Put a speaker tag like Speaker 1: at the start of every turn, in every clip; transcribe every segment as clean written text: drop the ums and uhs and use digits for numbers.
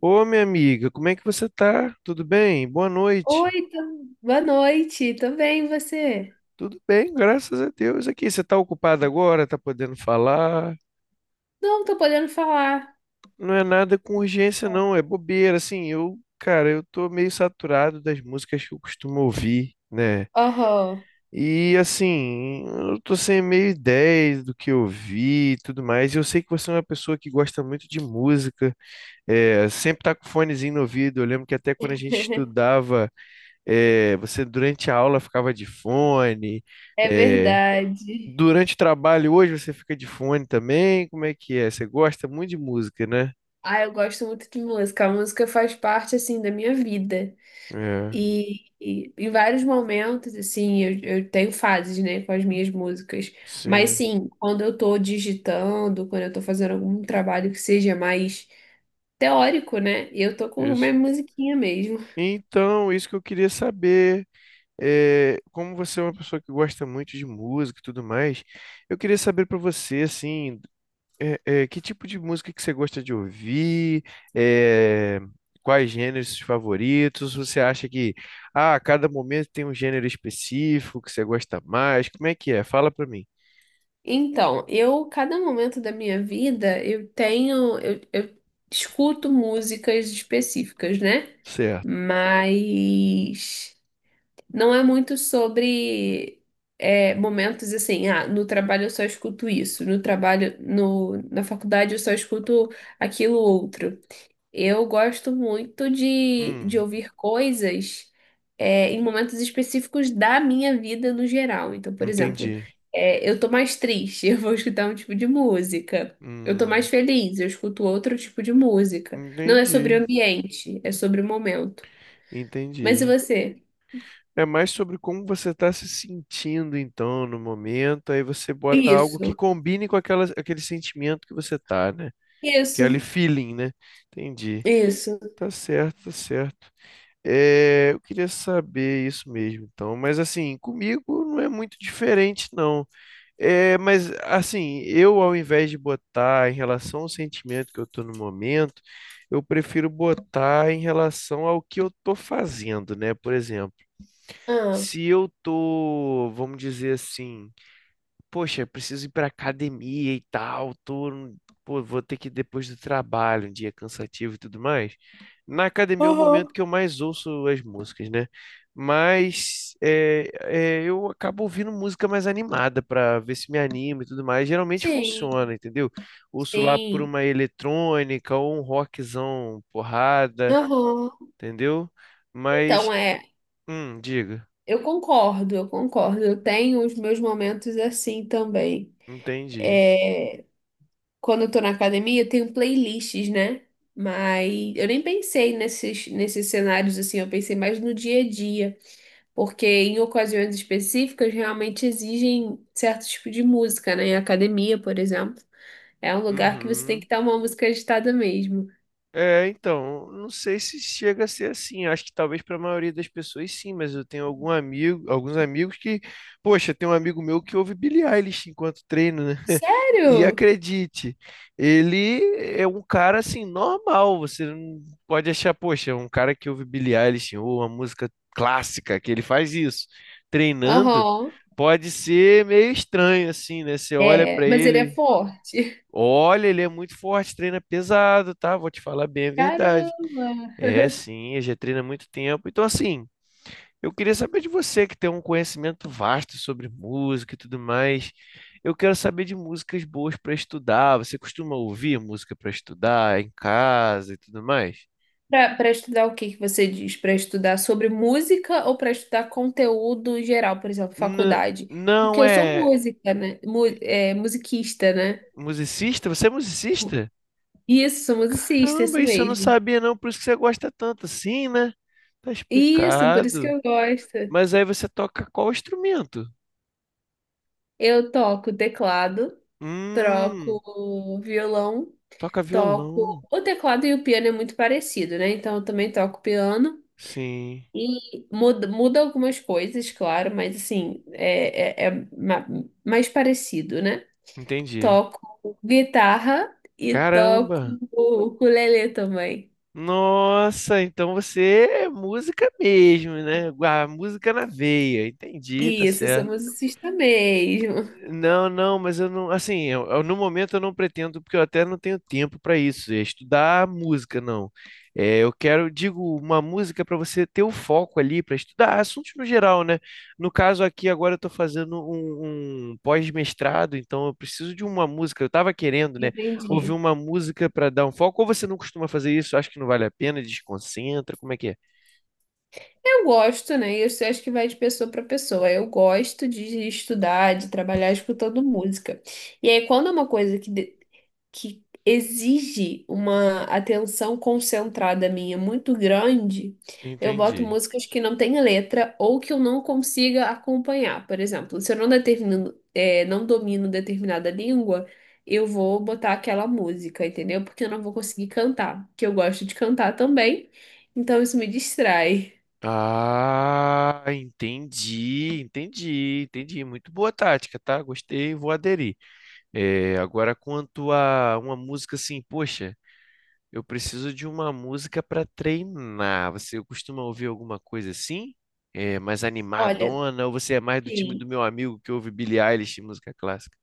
Speaker 1: Ô, minha amiga, como é que você tá? Tudo bem? Boa noite.
Speaker 2: Oi, boa noite, tudo bem, e você?
Speaker 1: Tudo bem, graças a Deus. Aqui, você tá ocupada agora? Tá podendo falar?
Speaker 2: Não, tô podendo falar.
Speaker 1: Não é nada com urgência, não. É bobeira. Assim, eu, cara, eu tô meio saturado das músicas que eu costumo ouvir, né?
Speaker 2: Oh,
Speaker 1: E, assim, eu tô sem meio ideia do que ouvir e tudo mais. Eu sei que você é uma pessoa que gosta muito de música, sempre tá com fonezinho no ouvido. Eu lembro que até quando a gente estudava. É, você durante a aula ficava de fone.
Speaker 2: é
Speaker 1: é,
Speaker 2: verdade.
Speaker 1: Durante o trabalho hoje você fica de fone também. Como é que é? Você gosta muito de música, né?
Speaker 2: Ah, eu gosto muito de música. A música faz parte, assim, da minha vida.
Speaker 1: É,
Speaker 2: E em vários momentos, assim, eu tenho fases, né, com as minhas músicas. Mas,
Speaker 1: sim,
Speaker 2: sim, quando eu tô digitando, quando eu tô fazendo algum trabalho que seja mais teórico, né, eu tô com uma
Speaker 1: isso.
Speaker 2: musiquinha mesmo.
Speaker 1: Então, isso que eu queria saber, como você é uma pessoa que gosta muito de música e tudo mais, eu queria saber para você, assim, que tipo de música que você gosta de ouvir? É, quais gêneros favoritos? Você acha que ah, a cada momento tem um gênero específico que você gosta mais? Como é que é? Fala pra mim.
Speaker 2: Então, cada momento da minha vida, eu escuto músicas específicas, né?
Speaker 1: Certo.
Speaker 2: Mas não é muito sobre momentos assim, ah, no trabalho eu só escuto isso, no trabalho, no, na faculdade eu só escuto aquilo outro. Eu gosto muito de
Speaker 1: Hum,
Speaker 2: ouvir coisas em momentos específicos da minha vida no geral. Então, por exemplo,
Speaker 1: entendi.
Speaker 2: eu tô mais triste, eu vou escutar um tipo de música. Eu tô
Speaker 1: Hum,
Speaker 2: mais feliz, eu escuto outro tipo de música. Não é sobre
Speaker 1: entendi.
Speaker 2: o ambiente, é sobre o momento. Mas e
Speaker 1: Entendi.
Speaker 2: você?
Speaker 1: É mais sobre como você está se sentindo, então, no momento. Aí você bota algo que
Speaker 2: Isso,
Speaker 1: combine com aquele sentimento que você tá, né?
Speaker 2: isso,
Speaker 1: Aquele feeling, né? Entendi.
Speaker 2: isso.
Speaker 1: Tá certo, tá certo. É, eu queria saber isso mesmo, então. Mas assim, comigo não é muito diferente, não. É, mas assim, eu ao invés de botar em relação ao sentimento que eu estou no momento, eu prefiro botar em relação ao que eu estou fazendo, né? Por exemplo,
Speaker 2: Ah,
Speaker 1: se eu tô, vamos dizer assim, poxa, eu preciso ir pra academia e tal, tô, pô, vou ter que ir depois do trabalho, um dia cansativo e tudo mais. Na academia é o momento
Speaker 2: aham.
Speaker 1: que eu mais ouço as músicas, né? Mas eu acabo ouvindo música mais animada pra ver se me anima e tudo mais. Geralmente funciona,
Speaker 2: Sim,
Speaker 1: entendeu? Ouço lá por
Speaker 2: sim.
Speaker 1: uma eletrônica ou um rockzão porrada,
Speaker 2: Aham.
Speaker 1: entendeu? Mas,
Speaker 2: Então, é.
Speaker 1: diga,
Speaker 2: Eu concordo, eu concordo. Eu tenho os meus momentos assim também.
Speaker 1: entendi.
Speaker 2: É, quando eu tô na academia, eu tenho playlists, né? Mas eu nem pensei nesses cenários assim, eu pensei mais no dia a dia, porque em ocasiões específicas realmente exigem certo tipo de música, né? Em academia, por exemplo, é um lugar que você tem
Speaker 1: Uhum.
Speaker 2: que estar uma música agitada mesmo.
Speaker 1: É, então, não sei se chega a ser assim. Acho que talvez para a maioria das pessoas sim, mas eu tenho algum amigo, alguns amigos que, poxa, tem um amigo meu que ouve Billie Eilish enquanto treino, né? E
Speaker 2: Sério?
Speaker 1: acredite, ele é um cara assim normal, você não pode achar, poxa, um cara que ouve Billie Eilish ou uma música clássica, que ele faz isso treinando,
Speaker 2: Aham.
Speaker 1: pode ser meio estranho assim, né? Você olha
Speaker 2: É,
Speaker 1: para
Speaker 2: mas ele é
Speaker 1: ele.
Speaker 2: forte.
Speaker 1: Olha, ele é muito forte, treina pesado, tá? Vou te falar bem a verdade. É,
Speaker 2: Caramba!
Speaker 1: sim, ele já treina há muito tempo. Então, assim, eu queria saber de você, que tem um conhecimento vasto sobre música e tudo mais. Eu quero saber de músicas boas para estudar. Você costuma ouvir música para estudar em casa e tudo mais?
Speaker 2: Para estudar o que que você diz? Para estudar sobre música ou para estudar conteúdo geral, por exemplo,
Speaker 1: N-
Speaker 2: faculdade? Porque
Speaker 1: não
Speaker 2: eu sou
Speaker 1: é
Speaker 2: música, né? Musiquista, né?
Speaker 1: musicista? Você é musicista?
Speaker 2: Isso, sou musicista,
Speaker 1: Caramba,
Speaker 2: isso
Speaker 1: isso eu não
Speaker 2: mesmo.
Speaker 1: sabia, não. Por isso que você gosta tanto assim, né? Tá
Speaker 2: Isso, por isso que
Speaker 1: explicado.
Speaker 2: eu gosto.
Speaker 1: Mas aí você toca qual instrumento?
Speaker 2: Eu toco teclado,
Speaker 1: Hum,
Speaker 2: troco violão,
Speaker 1: toca violão.
Speaker 2: toco. O teclado e o piano é muito parecido, né? Então eu também toco piano.
Speaker 1: Sim,
Speaker 2: E muda, muda algumas coisas, claro, mas assim, mais parecido, né?
Speaker 1: entendi.
Speaker 2: Toco guitarra e toco
Speaker 1: Caramba!
Speaker 2: ukulele também.
Speaker 1: Nossa, então você é música mesmo, né? A música na veia. Entendi, tá
Speaker 2: Isso, eu sou
Speaker 1: certo.
Speaker 2: musicista mesmo.
Speaker 1: Não, não, mas eu não, assim, no momento eu não pretendo, porque eu até não tenho tempo para isso, é estudar música, não. É, eu quero, digo, uma música para você ter o foco ali para estudar assuntos no geral, né? No caso aqui, agora eu estou fazendo um pós-mestrado, então eu preciso de uma música. Eu estava querendo, né, ouvir
Speaker 2: Entendi.
Speaker 1: uma música para dar um foco, ou você não costuma fazer isso, acha que não vale a pena, desconcentra, como é que é?
Speaker 2: Eu gosto, né? Isso eu acho que vai de pessoa para pessoa. Eu gosto de estudar, de trabalhar escutando música. E aí, quando é uma coisa que exige uma atenção concentrada minha muito grande, eu boto
Speaker 1: Entendi.
Speaker 2: músicas que não têm letra ou que eu não consiga acompanhar. Por exemplo, se eu não determino, não domino determinada língua, eu vou botar aquela música, entendeu? Porque eu não vou conseguir cantar, que eu gosto de cantar também, então isso me distrai.
Speaker 1: Ah, entendi, entendi, entendi. Muito boa tática, tá? Gostei, vou aderir. É, agora, quanto a uma música assim, poxa, eu preciso de uma música para treinar. Você costuma ouvir alguma coisa assim? É, mais
Speaker 2: Olha,
Speaker 1: animadona? Ou você é mais do time do
Speaker 2: sim.
Speaker 1: meu amigo que ouve Billie Eilish, e música clássica?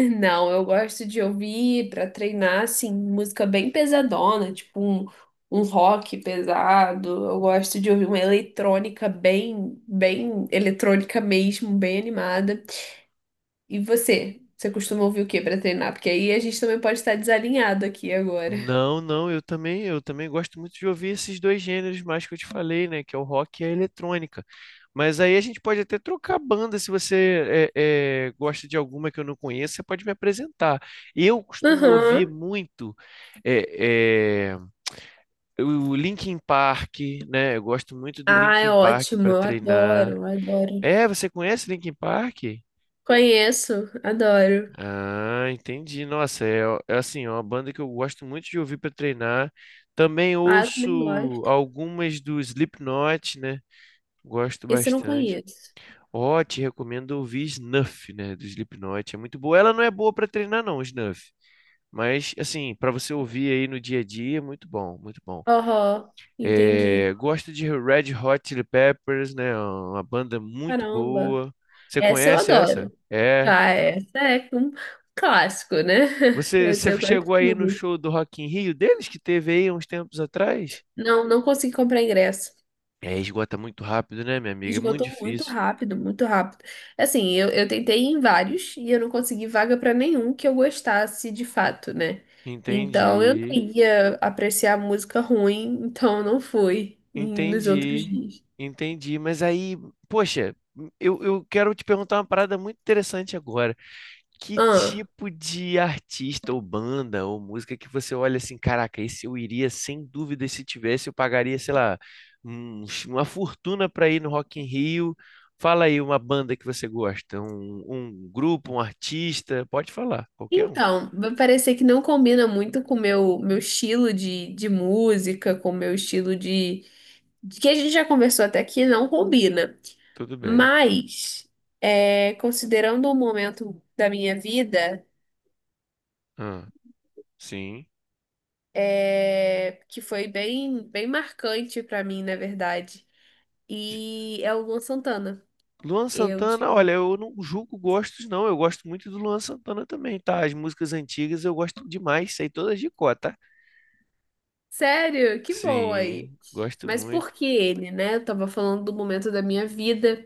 Speaker 2: Não, eu gosto de ouvir para treinar, assim, música bem pesadona, tipo um rock pesado. Eu gosto de ouvir uma eletrônica bem, bem eletrônica mesmo, bem animada. E você? Você costuma ouvir o que para treinar? Porque aí a gente também pode estar desalinhado aqui agora.
Speaker 1: Não, não, eu também gosto muito de ouvir esses dois gêneros mais que eu te falei, né? Que é o rock e a eletrônica. Mas aí a gente pode até trocar banda, se você gosta de alguma que eu não conheço, você pode me apresentar. Eu costumo ouvir
Speaker 2: Aham.
Speaker 1: muito é, o Linkin Park, né? Eu gosto muito do
Speaker 2: Ah, é
Speaker 1: Linkin Park
Speaker 2: ótimo.
Speaker 1: para
Speaker 2: Eu adoro,
Speaker 1: treinar.
Speaker 2: eu adoro.
Speaker 1: É, você conhece Linkin Park?
Speaker 2: Conheço, adoro.
Speaker 1: Ah, entendi. Nossa, é assim, é uma banda que eu gosto muito de ouvir para treinar. Também
Speaker 2: Ah, eu também
Speaker 1: ouço
Speaker 2: gosto.
Speaker 1: algumas do Slipknot, né? Gosto
Speaker 2: Esse eu não
Speaker 1: bastante.
Speaker 2: conheço.
Speaker 1: Ó, te recomendo ouvir Snuff, né? Do Slipknot. É muito boa. Ela não é boa para treinar, não, Snuff. Mas, assim, para você ouvir aí no dia a dia, é muito bom, muito bom.
Speaker 2: Aham,
Speaker 1: É,
Speaker 2: entendi.
Speaker 1: gosto de Red Hot Chili Peppers, né? Uma banda muito
Speaker 2: Caramba.
Speaker 1: boa. Você
Speaker 2: Essa eu
Speaker 1: conhece essa?
Speaker 2: adoro.
Speaker 1: É.
Speaker 2: Ah, essa é um clássico, né? Essa
Speaker 1: Você
Speaker 2: eu gosto
Speaker 1: chegou aí no
Speaker 2: muito.
Speaker 1: show do Rock in Rio deles, que teve aí uns tempos atrás?
Speaker 2: Não, não consegui comprar ingresso.
Speaker 1: É, esgota muito rápido, né, minha amiga? É muito
Speaker 2: Esgotou muito
Speaker 1: difícil.
Speaker 2: rápido, muito rápido. Assim, eu tentei em vários e eu não consegui vaga para nenhum que eu gostasse de fato, né? Então eu não
Speaker 1: Entendi,
Speaker 2: ia apreciar música ruim, então eu não fui nos outros
Speaker 1: entendi,
Speaker 2: dias.
Speaker 1: entendi. Mas aí, poxa, eu quero te perguntar uma parada muito interessante agora. Que
Speaker 2: Ah,
Speaker 1: tipo de artista ou banda ou música que você olha assim, caraca, esse eu iria sem dúvida, se tivesse, eu pagaria, sei lá, uma fortuna para ir no Rock in Rio. Fala aí uma banda que você gosta, um grupo, um artista, pode falar, qualquer um,
Speaker 2: então, vai parecer que não combina muito com o meu estilo de música, com o meu estilo de que a gente já conversou até aqui não combina,
Speaker 1: tudo bem.
Speaker 2: mas considerando um momento da minha vida
Speaker 1: Ah, sim.
Speaker 2: que foi bem, bem marcante pra mim, na verdade,
Speaker 1: De-
Speaker 2: e é o Luan Santana.
Speaker 1: Luan
Speaker 2: Eu
Speaker 1: Santana,
Speaker 2: tive.
Speaker 1: olha, eu não julgo gostos, não. Eu gosto muito do Luan Santana também, tá? As músicas antigas eu gosto demais, sei todas de cor, tá?
Speaker 2: Sério? Que bom aí.
Speaker 1: Sim, gosto
Speaker 2: Mas por
Speaker 1: muito.
Speaker 2: que ele, né? Eu tava falando do momento da minha vida.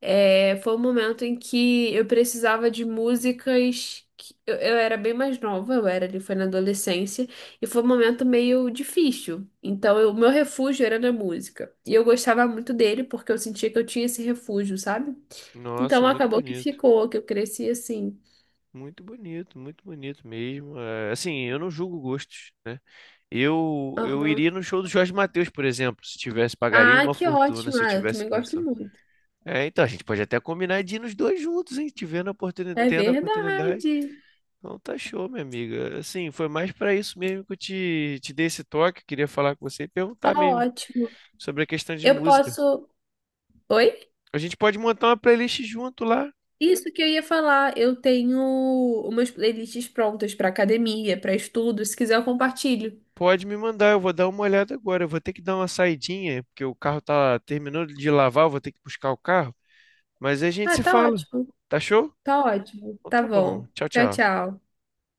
Speaker 2: É, foi um momento em que eu precisava de músicas. Eu era bem mais nova, eu era ali, foi na adolescência, e foi um momento meio difícil. Então, o meu refúgio era na música. E eu gostava muito dele porque eu sentia que eu tinha esse refúgio, sabe?
Speaker 1: Nossa,
Speaker 2: Então,
Speaker 1: muito
Speaker 2: acabou que
Speaker 1: bonito.
Speaker 2: ficou, que eu cresci assim.
Speaker 1: Muito bonito, muito bonito mesmo. É, assim, eu não julgo gostos, né? Eu
Speaker 2: Aham.
Speaker 1: iria no show do Jorge Mateus, por exemplo, se tivesse, pagaria
Speaker 2: Ah,
Speaker 1: uma
Speaker 2: que
Speaker 1: fortuna
Speaker 2: ótimo!
Speaker 1: se eu
Speaker 2: Ah, eu
Speaker 1: tivesse
Speaker 2: também gosto
Speaker 1: condição.
Speaker 2: muito.
Speaker 1: É, então a gente pode até combinar de ir nos dois juntos, hein? Tivendo a oportunidade,
Speaker 2: É
Speaker 1: tendo a oportunidade.
Speaker 2: verdade.
Speaker 1: Então tá show, minha amiga. Assim, foi mais pra isso mesmo que eu te dei esse toque. Queria falar com você e
Speaker 2: Tá
Speaker 1: perguntar mesmo
Speaker 2: ótimo.
Speaker 1: sobre a questão de
Speaker 2: Eu
Speaker 1: música.
Speaker 2: posso. Oi?
Speaker 1: A gente pode montar uma playlist junto lá.
Speaker 2: Isso que eu ia falar, eu tenho umas playlists prontas para academia, para estudo, se quiser eu compartilho.
Speaker 1: Pode me mandar, eu vou dar uma olhada agora. Eu vou ter que dar uma saidinha, porque o carro tá terminando de lavar, eu vou ter que buscar o carro. Mas aí a gente
Speaker 2: Ah,
Speaker 1: se
Speaker 2: tá
Speaker 1: fala.
Speaker 2: ótimo,
Speaker 1: Tá show?
Speaker 2: tá ótimo,
Speaker 1: Então
Speaker 2: tá
Speaker 1: tá bom.
Speaker 2: bom.
Speaker 1: Tchau,
Speaker 2: Tchau,
Speaker 1: tchau.
Speaker 2: tchau.